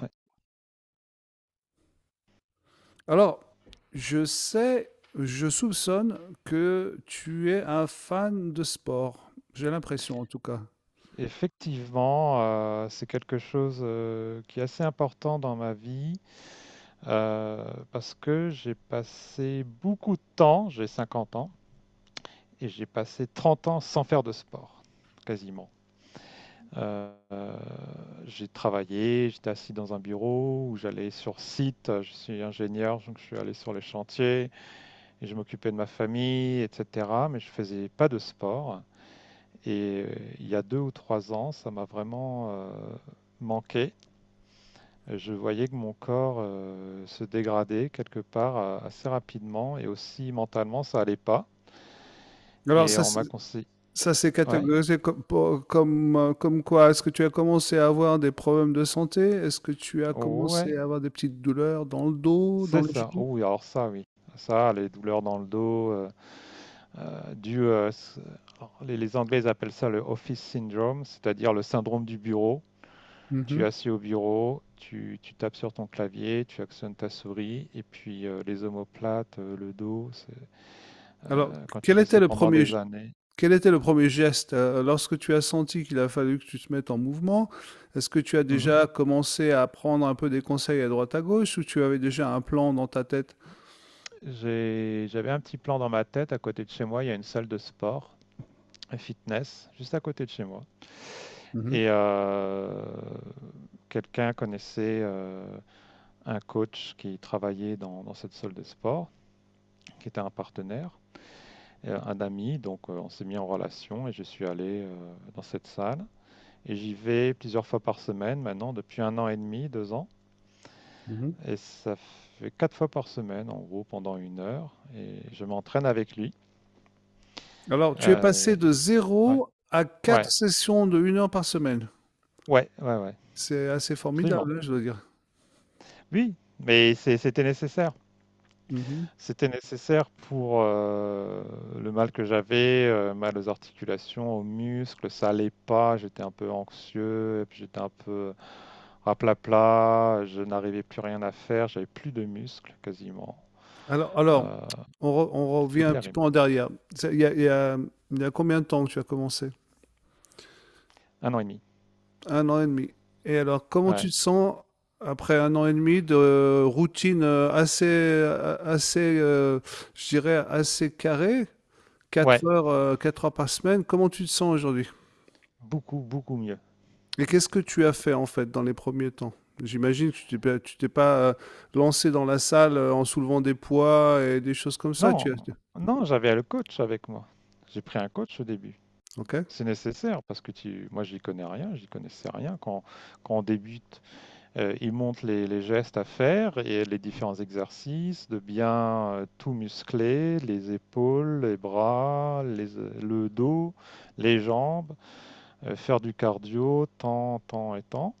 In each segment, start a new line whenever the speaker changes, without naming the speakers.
Ouais.
Alors, je sais, je soupçonne que tu es un fan de sport. J'ai l'impression, en tout cas.
Effectivement, c'est quelque chose qui est assez important dans ma vie, euh, parce que j'ai passé beaucoup de temps, j'ai 50 ans, et j'ai passé 30 ans sans faire de sport, quasiment. Euh, euh, j'ai travaillé, j'étais assis dans un bureau où j'allais sur site, je suis ingénieur, donc je suis allé sur les chantiers et je m'occupais de ma famille, etc. Mais je faisais pas de sport. Et il y a 2 ou 3 ans, ça m'a vraiment manqué. Je voyais que mon corps se dégradait quelque part, assez rapidement, et aussi mentalement, ça allait pas.
Alors,
Et
ça,
on m'a conseillé.
ça s'est
Ouais,
catégorisé comme, comme, comme quoi? Est-ce que tu as commencé à avoir des problèmes de santé? Est-ce que tu as
oh,
commencé
ouais,
à avoir des petites douleurs dans le dos, dans
c'est
les
ça.
genoux?
Oh, oui, alors ça, oui. Ça, les douleurs dans le dos, euh, du, euh, s- alors, les Anglais ils appellent ça le office syndrome, c'est-à-dire le syndrome du bureau. Tu es
Mhm.
assis au bureau, tu tapes sur ton clavier, tu actionnes ta souris, et puis les omoplates, le dos,
Alors,
quand tu
quel
fais ça
était le
pendant
premier
des années.
Quel était le premier geste lorsque tu as senti qu'il a fallu que tu te mettes en mouvement? Est-ce que tu as
Mhm.
déjà commencé à prendre un peu des conseils à droite à gauche ou tu avais déjà un plan dans ta tête?
J'avais un petit plan dans ma tête. À côté de chez moi, il y a une salle de sport, un fitness, juste à côté de chez moi.
Mmh mh.
Et quelqu'un connaissait un coach qui travaillait dans cette salle de sport, qui était un partenaire, un ami, donc on s'est mis en relation et je suis allé dans cette salle. Et j'y vais plusieurs fois par semaine maintenant, depuis 1 an et demi, 2 ans.
Mmh.
Et ça fait quatre fois par semaine, en gros, pendant 1 heure. Et je m'entraîne avec lui.
Alors, tu es
Euh,
passé de
ouais,
zéro à
ouais,
quatre sessions de 1 heure par semaine.
ouais, ouais, ouais,
C'est assez
absolument.
formidable, hein, je dois dire.
Oui, mais c'était nécessaire.
Mmh.
C'était nécessaire pour le mal que j'avais, mal aux articulations, aux muscles, ça allait pas, j'étais un peu anxieux, et puis j'étais un peu raplapla, je n'arrivais plus rien à faire, j'avais plus de muscles quasiment.
Alors
Euh,
alors, on revient
c'était
un petit peu
terrible.
en derrière. C'est il y a il y a il y a combien de temps que tu as commencé?
1 an et demi.
Un an et demi. Et alors, comment tu
Ouais.
te sens après un an et demi de routine assez, je dirais, assez carrée,
Ouais.
4 heures par semaine, comment tu te sens aujourd'hui?
Beaucoup, beaucoup mieux.
Et qu'est-ce que tu as fait en fait dans les premiers temps? J'imagine que tu t'es pas lancé dans la salle en soulevant des poids et des choses comme ça.
Non,
Tu as...
non, j'avais le coach avec moi. J'ai pris un coach au début.
Ok.
C'est nécessaire parce que moi, j'y connais rien, j'y connaissais rien. Quand on débute, il montre les gestes à faire et les différents exercices, de bien tout muscler, les épaules, les bras, le dos, les jambes, faire du cardio, tant, tant et tant.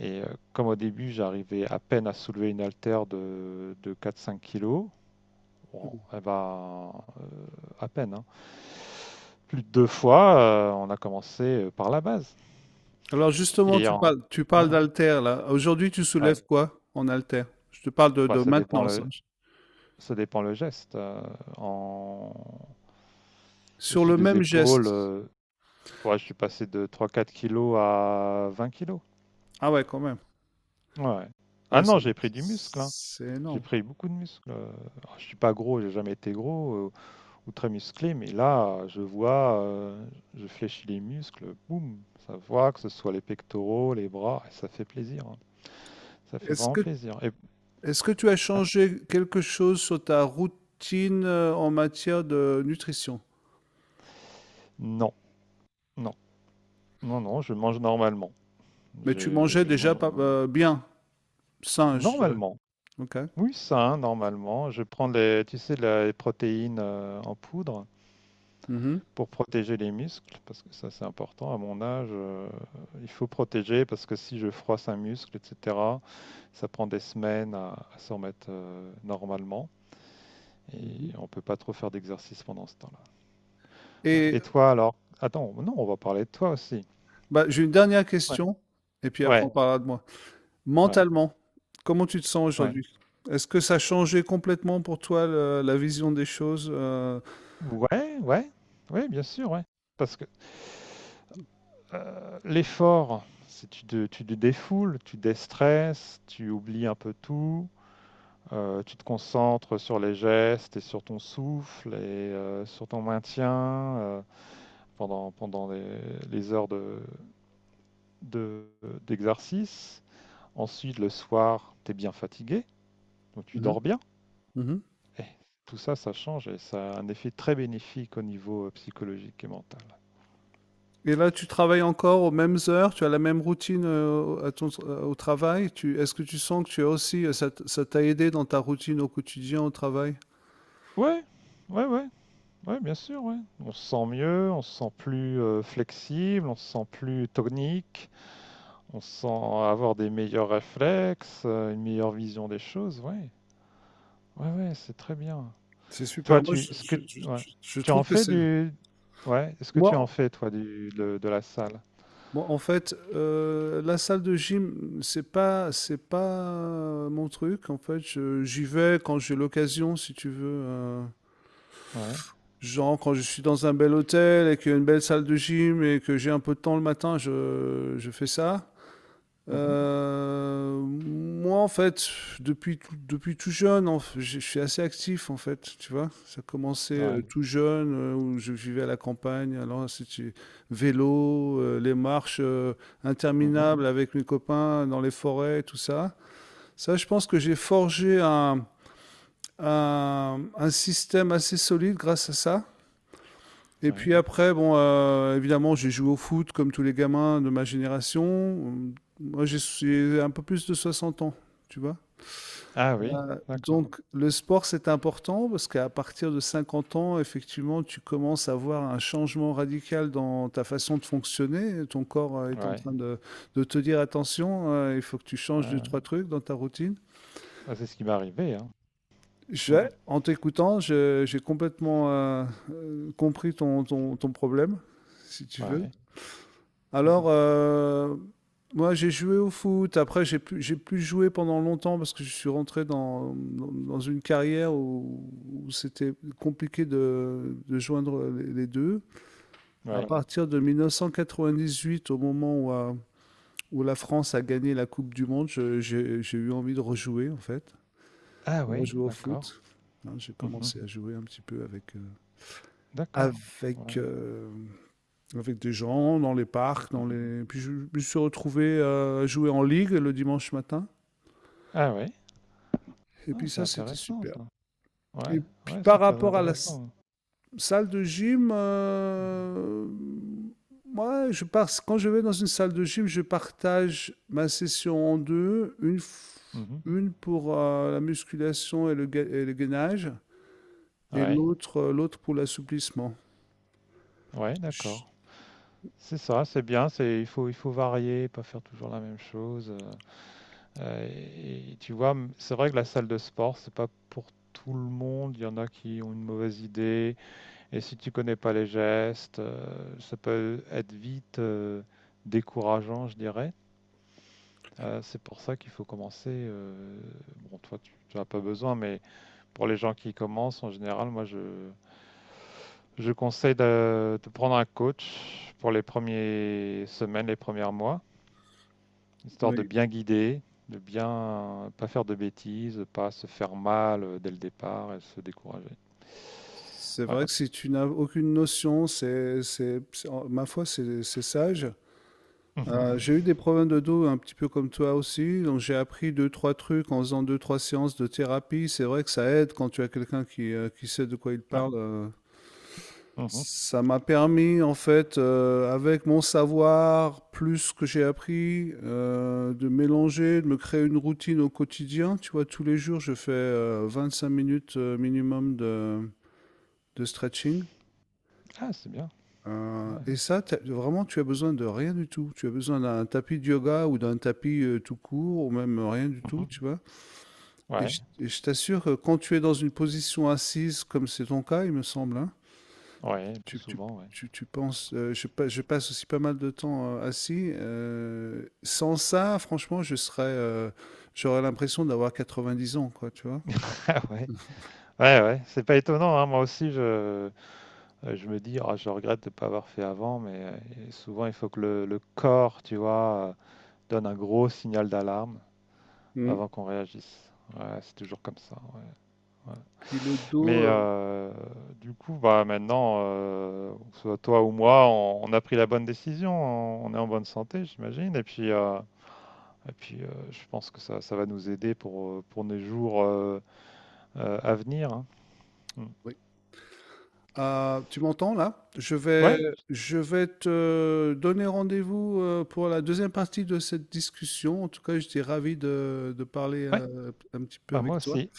Et comme au début, j'arrivais à peine à soulever une haltère de 4-5 kilos, bon,
Mm.
eh ben, euh, à peine, hein. Plus de deux fois, on a commencé par la base.
Alors justement,
Et en...
tu parles
Ouais,
d'haltère là. Aujourd'hui, tu
ouais.
soulèves quoi en haltère? Je te parle
Bah,
de
ça dépend
maintenance,
le,
hein.
ça dépend le geste. En...
Sur
Au-dessus
le
des
même
épaules,
geste.
ouais, je suis passé de 3-4 kilos à 20 kilos.
Ah ouais, quand même.
Ouais. Ah
Ouais,
non,
c'est
j'ai pris du muscle, hein.
c'est
J'ai
énorme.
pris beaucoup de muscle. Ah, je suis pas gros, j'ai jamais été gros, ou très musclé, mais là, je vois, je fléchis les muscles, boum, ça voit que ce soit les pectoraux, les bras, et ça fait plaisir, hein. Ça fait
Est-ce
vraiment
que
plaisir. Et
est-ce que tu as
ouais,
changé quelque chose sur ta routine, en matière de nutrition?
non, non, non, non, je mange normalement,
Mais tu
je,
mangeais
je
déjà
mange
pas
normalement,
bien, sain, je dirais.
normalement,
OK.
oui, sain, normalement, je prends les, tu sais, les protéines en poudre
Mmh mh.
pour protéger les muscles, parce que ça c'est important à mon âge, il faut protéger parce que si je froisse un muscle, etc. Ça prend des semaines à s'en remettre, normalement, et
Mmh.
on peut pas trop faire d'exercice pendant ce temps-là. Ouais.
et
Et toi alors? Attends, non, on va parler de toi aussi.
j'ai une dernière
Ouais,
question et puis après
ouais,
on parlera de moi.
ouais,
Mentalement, comment tu te sens
ouais.
aujourd'hui? Est-ce que ça a changé complètement pour toi le la vision des choses, heu?
Ouais, ouais, ouais, bien sûr, ouais. Parce que l'effort, c'est tu te défoules, tu déstresses, tu oublies un peu tout, tu te concentres sur les gestes et sur ton souffle et sur ton maintien, euh, pendant, les heures de d'exercice. Ensuite, le soir, tu es bien fatigué, donc tu
Mmh mh.
dors bien.
Mmh.
Et tout ça, ça change et ça a un effet très bénéfique au niveau psychologique et mental.
Et là, tu travailles encore aux mêmes heures, tu as la même routine à ton, au travail. Tu, est-ce que tu sens que tu as aussi, ça, ça t'a aidé dans ta routine au quotidien au travail?
Ouais, ouais, ouais, ouais, bien sûr, ouais. On se sent mieux, on se sent plus flexible, on se sent plus tonique, on se sent avoir des meilleurs réflexes, une meilleure vision des choses, ouais. Ouais, ouais, c'est très bien.
C'est
Toi,
super. Moi,
tu, ce que, ouais,
je
tu
trouve
en
que
fais
c'est.
du, ouais, est-ce que
Moi,
tu en
en
fais, toi, du, de la salle?
moi, en fait, la salle de gym, c'est pas mon truc. En fait, j'y vais quand j'ai l'occasion, si tu veux.
Ouais.
Genre, quand je suis dans un bel hôtel et qu'il y a une belle salle de gym et que j'ai un peu de temps le matin, je fais ça.
Mmh.
Moi, en fait, depuis tout jeune, je suis assez actif, en fait, tu vois. Ça a commencé
Ouais.
tout jeune, où je vivais à la campagne. Alors, c'était vélo, les marches
Mmh.
interminables avec mes copains dans les forêts, tout ça. Ça, je pense que j'ai forgé un système assez solide grâce à ça. Et
Ouais.
puis après, bon, évidemment, j'ai joué au foot comme tous les gamins de ma génération. Moi, j'ai un peu plus de 60 ans, tu vois.
Ah oui, d'accord.
Donc, le sport, c'est important parce qu'à partir de 50 ans, effectivement, tu commences à voir un changement radical dans ta façon de fonctionner. Ton corps est en
Ouais.
train de te dire attention, il faut que tu
Ouais,
changes deux,
ouais.
trois trucs dans ta routine.
Bah, c'est ce qui m'est arrivé, hein. Mmh.
En t'écoutant, j'ai complètement compris ton, ton problème, si tu veux.
Ouais. Mmh.
Alors, moi, j'ai joué au foot. Après, j'ai pu jouer pendant longtemps parce que je suis rentré dans une carrière où, où c'était compliqué de joindre les deux. À Ouais,
Ouais.
partir de 1998, au moment où, où la France a gagné la Coupe du Monde, j'ai eu envie de rejouer, en fait,
Ah
de
oui,
rejouer au
d'accord.
foot. Hein, j'ai
Mmh.
commencé à jouer un petit peu avec,
D'accord. Ouais.
avec euh, avec des gens dans les parcs, dans
Mmh.
les. Puis je me suis retrouvé à jouer en ligue le dimanche matin.
Ah oui.
Et
Ah,
puis
c'est
ça, c'était
intéressant
super.
ça.
Et
Ouais,
puis
ouais, c'est
par
très
rapport à la
intéressant.
salle de gym,
Mmh
moi, je pars, quand je vais dans une salle de gym, je partage ma session en deux,
mh. Mmh.
une pour la musculation et le, et le gainage, et
Ouais.
l'autre l'autre pour l'assouplissement.
Ouais,
Je-
d'accord. C'est ça, c'est bien, c'est il faut varier, pas faire toujours la même chose. Et tu vois, c'est vrai que la salle de sport, c'est pas pour tout le monde. Il y en a qui ont une mauvaise idée. Et si tu connais pas les gestes, ça peut être vite, décourageant, je dirais. C'est pour ça qu'il faut commencer. Bon, toi, n'as pas besoin, mais pour les gens qui commencent, en général, moi, je conseille de prendre un coach pour les premières semaines, les premiers mois, histoire de
Oui.
bien guider, de bien pas faire de bêtises, de pas se faire mal, dès le départ et se décourager.
C'est
Ouais.
vrai que si tu n'as aucune notion, ma foi, c'est sage.
Mhm.
J'ai eu des problèmes de dos un petit peu comme toi aussi, donc j'ai appris deux, trois trucs en faisant deux, trois séances de thérapie. C'est vrai que ça aide quand tu as quelqu'un qui sait de quoi il
Ouais.
parle, euh.
Mhm.
Ça m'a permis, en fait, avec mon savoir, plus ce que j'ai appris, de mélanger, de me créer une routine au quotidien. Tu vois, tous les jours, je fais 5 minutes minimum de stretching.
Ah, c'est bien. Ouais.
Et ça, tu vraiment, tu as besoin de rien du tout. Tu as besoin d'un tapis de yoga ou d'un tapis, tout court ou même rien du tout,
Mmh.
tu vois?
Ouais,
Et je t'assure que quand tu es dans une position assise, comme c'est ton cas, il me semble, hein,
ouais, plus
tu tu
souvent, ouais.
tu penses, je passe aussi pas mal de temps, assis, sans ça, franchement, je serais, j'aurais l'impression d'avoir 90 ans, quoi, tu vois?
Ah, ouais, ouais, ouais, c'est pas étonnant, hein. Moi aussi, je me dis: «Ah, je regrette de ne pas avoir fait avant», mais souvent, il faut que le corps, tu vois, donne un gros signal d'alarme
Mmh.
avant qu'on réagisse. Ouais, c'est toujours comme ça, ouais, ouais.
Puis le dos,
Mais du coup, bah, maintenant, que ce soit toi ou moi, on a pris la bonne décision, on est en bonne santé, j'imagine, et puis je pense que ça va nous aider pour, nos jours, euh, à venir, hein. Mm.
euh, tu m'entends là?
Ouais,
Je vais te donner rendez-vous pour la deuxième partie de cette discussion. En tout cas, j'étais ravi de parler
ouais,
un petit peu
bah moi
avec toi.
aussi.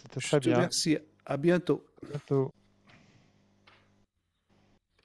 C'était
Je
très
te
bien.
remercie. À bientôt.
À bientôt.